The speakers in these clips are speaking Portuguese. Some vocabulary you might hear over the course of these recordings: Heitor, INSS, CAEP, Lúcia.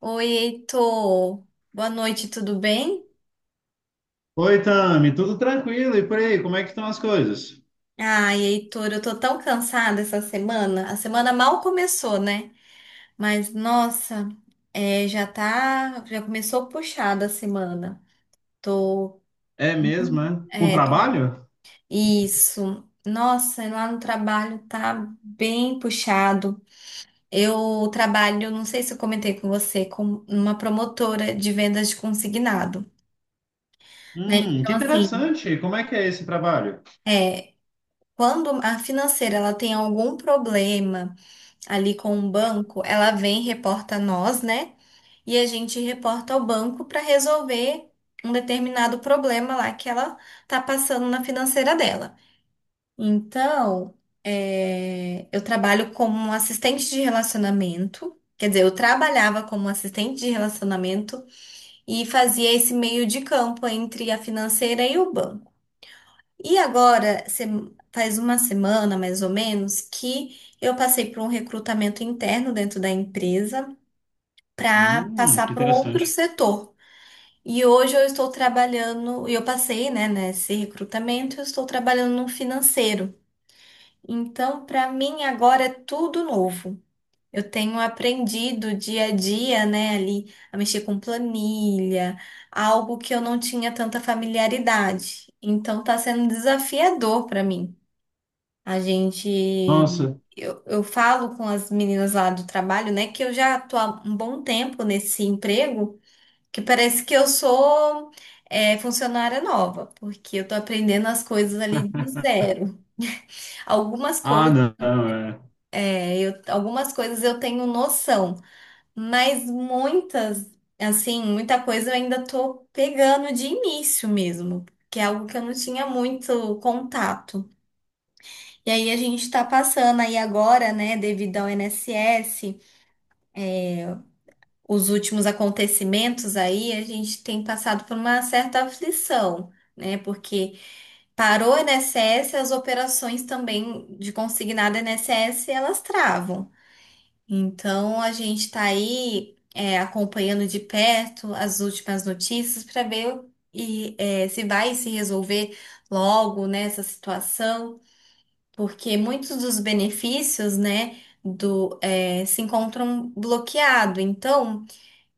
Oi, Heitor. Boa noite, tudo bem? Oi, Tami, tudo tranquilo? E por aí, como é que estão as coisas? Ai, Heitor, eu tô tão cansada essa semana. A semana mal começou, né? Mas nossa, já começou puxada a semana. Tô, É mesmo, é? Com é, tô- trabalho? isso. Nossa, lá no trabalho tá bem puxado. Eu trabalho, não sei se eu comentei com você, com uma promotora de vendas de consignado, né? Que Então, assim, interessante. Como é que é esse trabalho? é, Quando a financeira ela tem algum problema ali com o banco, ela vem e reporta a nós, né? E a gente reporta ao banco para resolver um determinado problema lá que ela tá passando na financeira dela. Então, eu trabalho como um assistente de relacionamento. Quer dizer, eu trabalhava como assistente de relacionamento e fazia esse meio de campo entre a financeira e o banco. E agora, faz uma semana mais ou menos, que eu passei por um recrutamento interno dentro da empresa para passar Que para um outro interessante. setor. E hoje eu estou trabalhando, e eu passei, né, nesse recrutamento, eu estou trabalhando no financeiro. Então, para mim agora é tudo novo. Eu tenho aprendido dia a dia, né, ali a mexer com planilha, algo que eu não tinha tanta familiaridade. Então, está sendo desafiador para mim. A gente. Nossa. Eu falo com as meninas lá do trabalho, né, que eu já tô há um bom tempo nesse emprego, que parece que eu sou, funcionária nova, porque eu tô aprendendo as coisas ali do zero. Algumas Ah, coisas, não, é. Algumas coisas eu tenho noção, mas assim, muita coisa eu ainda tô pegando de início mesmo, que é algo que eu não tinha muito contato. E aí a gente está passando aí agora, né, devido ao INSS, os últimos acontecimentos aí, a gente tem passado por uma certa aflição, né, porque parou o INSS, as operações também de consignado INSS, elas travam. Então a gente está aí acompanhando de perto as últimas notícias para ver se vai se resolver logo, né, essa situação. Porque muitos dos benefícios, né, se encontram bloqueado. Então,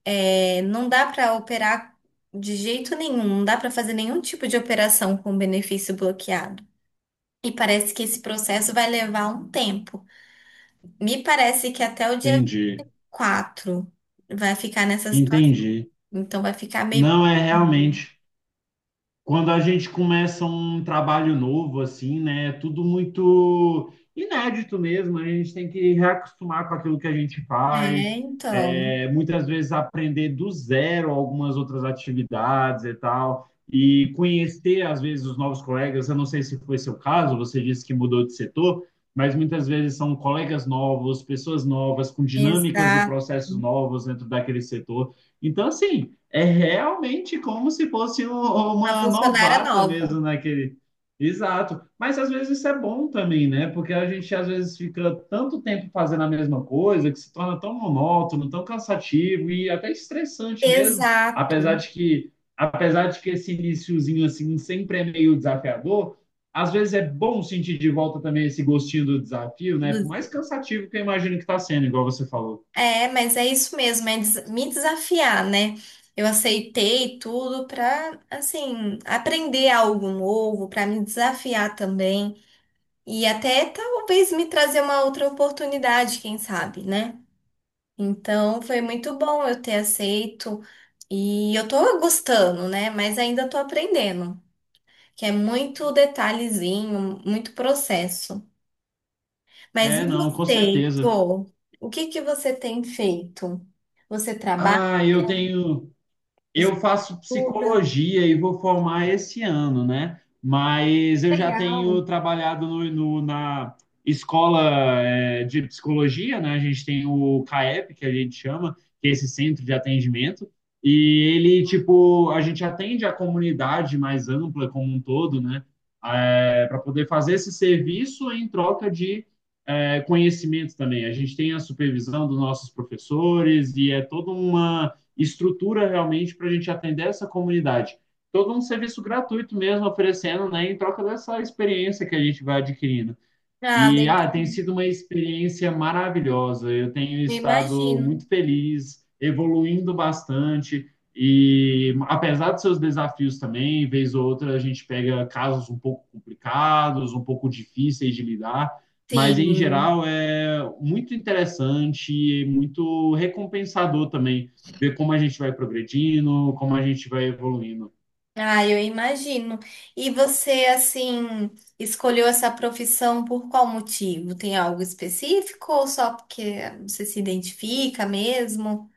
não dá para operar de jeito nenhum, não dá para fazer nenhum tipo de operação com benefício bloqueado. E parece que esse processo vai levar um tempo. Me parece que até o dia Entendi. 4 vai ficar nessa situação. Entendi. Então, vai ficar meio. Não, é realmente. Quando a gente começa um trabalho novo, assim, né? É tudo muito inédito mesmo, né? A gente tem que reacostumar com aquilo que a gente É, faz. então, É, muitas vezes aprender do zero algumas outras atividades e tal. E conhecer, às vezes, os novos colegas. Eu não sei se foi seu caso, você disse que mudou de setor, mas muitas vezes são colegas novos, pessoas novas, com dinâmicas e exato. processos novos dentro daquele setor. Então, assim, é realmente como se fosse Uma uma funcionária novata nova. mesmo naquele. Exato. Mas às vezes isso é bom também, né? Porque a gente às vezes fica tanto tempo fazendo a mesma coisa que se torna tão monótono, tão cansativo e até estressante mesmo. Exato. Apesar de que esse iniciozinho assim sempre é meio desafiador, às vezes é bom sentir de volta também esse gostinho do desafio, né? Por mais cansativo que eu imagino que está sendo, igual você falou. É, mas é isso mesmo, é me desafiar, né? Eu aceitei tudo pra, assim, aprender algo novo, pra me desafiar também e até talvez me trazer uma outra oportunidade, quem sabe, né? Então, foi muito bom eu ter aceito e eu tô gostando, né? Mas ainda tô aprendendo, que é muito detalhezinho, muito processo. Mas e É, não, com você, certeza. Heitor? O que que você tem feito? Você trabalha? Ah, eu tenho. Eu faço Buda. psicologia e vou formar esse ano, né? Mas eu já Legal. tenho trabalhado na escola de psicologia, né? A gente tem o CAEP, que a gente chama, que é esse centro de atendimento, e ele, tipo, a gente atende a comunidade mais ampla como um todo, né? Para poder fazer esse serviço em troca de conhecimento também. A gente tem a supervisão dos nossos professores e é toda uma estrutura realmente para a gente atender essa comunidade. Todo um serviço gratuito mesmo oferecendo, né, em troca dessa experiência que a gente vai adquirindo. Ah, E legal. Tem sido uma experiência maravilhosa. Eu tenho Eu estado muito imagino. feliz, evoluindo bastante. E apesar dos seus desafios também, vez ou outra a gente pega casos um pouco complicados, um pouco difíceis de lidar, mas em Sim. geral é muito interessante e muito recompensador também ver como a gente vai progredindo, como a gente vai evoluindo. Ah, eu imagino. E você, assim, escolheu essa profissão por qual motivo? Tem algo específico ou só porque você se identifica mesmo?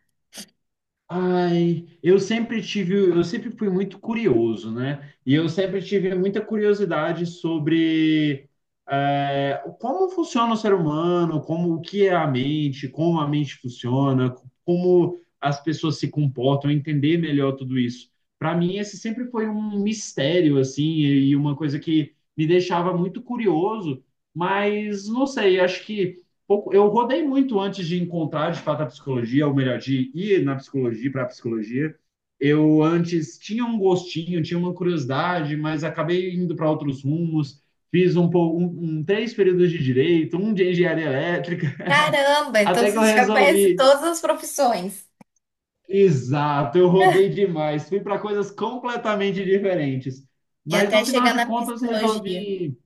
Ai, eu sempre fui muito curioso, né? E eu sempre tive muita curiosidade sobre como funciona o ser humano, como o que é a mente, como a mente funciona, como as pessoas se comportam, entender melhor tudo isso. Para mim, esse sempre foi um mistério, assim, e uma coisa que me deixava muito curioso, mas não sei, acho que pouco. Eu rodei muito antes de encontrar de fato a psicologia, ou melhor, de ir na psicologia para a psicologia. Eu antes tinha um gostinho, tinha uma curiosidade, mas acabei indo para outros rumos. Fiz um, pou- um três períodos de direito, um de engenharia elétrica, Caramba, então até que eu você já conhece resolvi. todas as profissões. Exato, eu rodei demais, fui para coisas completamente diferentes. E Mas no até final chegar de na contas psicologia. resolvi.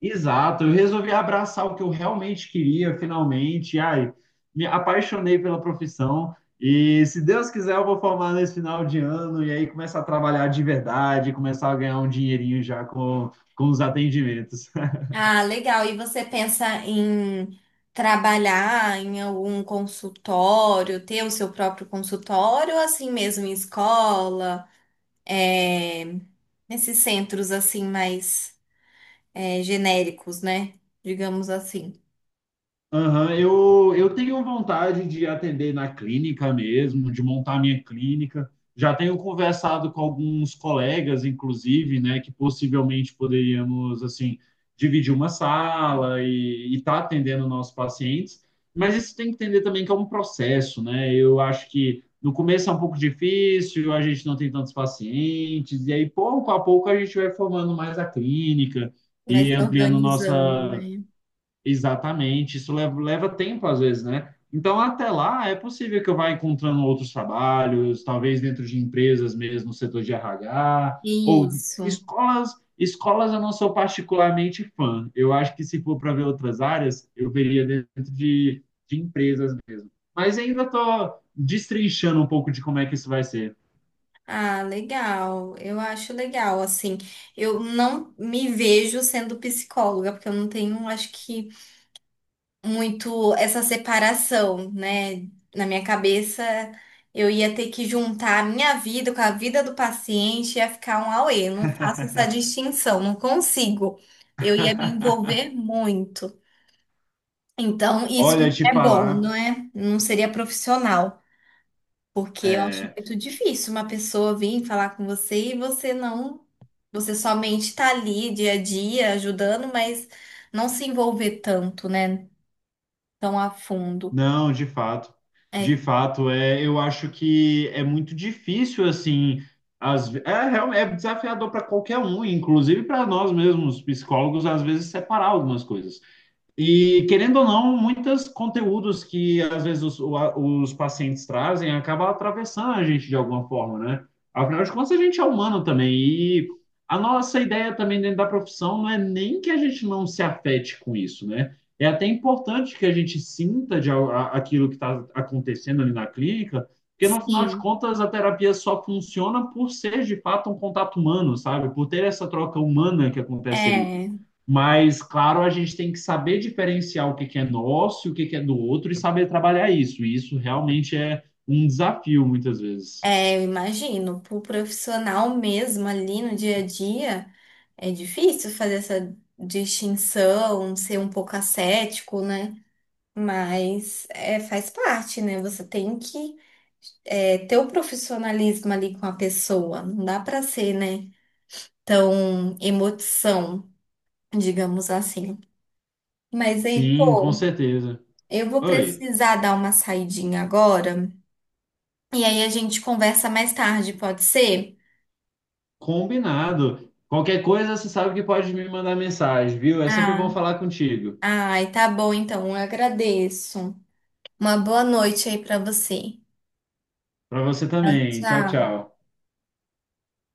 Exato, eu resolvi abraçar o que eu realmente queria, finalmente. Ai, me apaixonei pela profissão e, se Deus quiser, eu vou formar nesse final de ano e aí começar a trabalhar de verdade, começar a ganhar um dinheirinho já com os atendimentos. Ah, legal. E você pensa em trabalhar em algum consultório, ter o seu próprio consultório, ou assim mesmo em escola, é, nesses centros assim mais genéricos, né? Digamos assim. Aham, eu tenho vontade de atender na clínica mesmo, de montar minha clínica. Já tenho conversado com alguns colegas, inclusive, né, que possivelmente poderíamos, assim, dividir uma sala e estar atendendo nossos pacientes. Mas isso tem que entender também que é um processo, né? Eu acho que no começo é um pouco difícil, a gente não tem tantos pacientes, e aí pouco a pouco a gente vai formando mais a clínica Vai e se ampliando organizando. nossa... Exatamente, isso leva tempo às vezes, né? Então, até lá, é possível que eu vá encontrando outros trabalhos, talvez dentro de empresas mesmo, no setor de RH, ou Isso. escolas. Escolas eu não sou particularmente fã. Eu acho que se for para ver outras áreas, eu veria dentro de empresas mesmo. Mas ainda estou destrinchando um pouco de como é que isso vai ser. Ah, legal. Eu acho legal, assim. Eu não me vejo sendo psicóloga, porque eu não tenho, acho que muito essa separação, né? Na minha cabeça, eu ia ter que juntar a minha vida com a vida do paciente, ia ficar um auê. Eu não faço essa distinção, não consigo. Eu ia me envolver muito. Então, isso Olha, não te é bom, falar, não é? Não seria profissional, porque eu acho muito difícil uma pessoa vir falar com você e você não, você somente tá ali dia a dia ajudando, mas não se envolver tanto, né? Tão a fundo. não, de fato. De É. fato, é, eu acho que é muito difícil, assim, às, ve- é, real- é desafiador para qualquer um, inclusive para nós mesmos, psicólogos, às vezes separar algumas coisas. E, querendo ou não, muitos conteúdos que às vezes os pacientes trazem acabam atravessando a gente de alguma forma, né? Afinal de contas, a gente é humano também. E a nossa ideia também dentro da profissão não é nem que a gente não se afete com isso, né? É até importante que a gente sinta aquilo que está acontecendo ali na clínica, porque no final de Sim. contas a terapia só funciona por ser de fato um contato humano, sabe? Por ter essa troca humana que acontece ali. é, Mas, claro, a gente tem que saber diferenciar o que que é nosso e o que que é do outro e saber trabalhar isso. E isso realmente é um desafio, muitas vezes. Eu imagino, para o profissional mesmo ali no dia a dia, é difícil fazer essa distinção, ser um pouco ascético, né? Mas é, faz parte, né? Você tem que ter o profissionalismo ali com a pessoa, não dá para ser, né, tão emoção, digamos assim. Mas, Sim, com Heitor, certeza. eu vou Oi, precisar dar uma saidinha agora, e aí a gente conversa mais tarde, pode ser? combinado. Qualquer coisa, você sabe que pode me mandar mensagem, viu? É sempre bom Ah, falar contigo. ai, tá bom então, eu agradeço. Uma boa noite aí pra você. Para você Tchau, também. Tchau, tchau. tchau.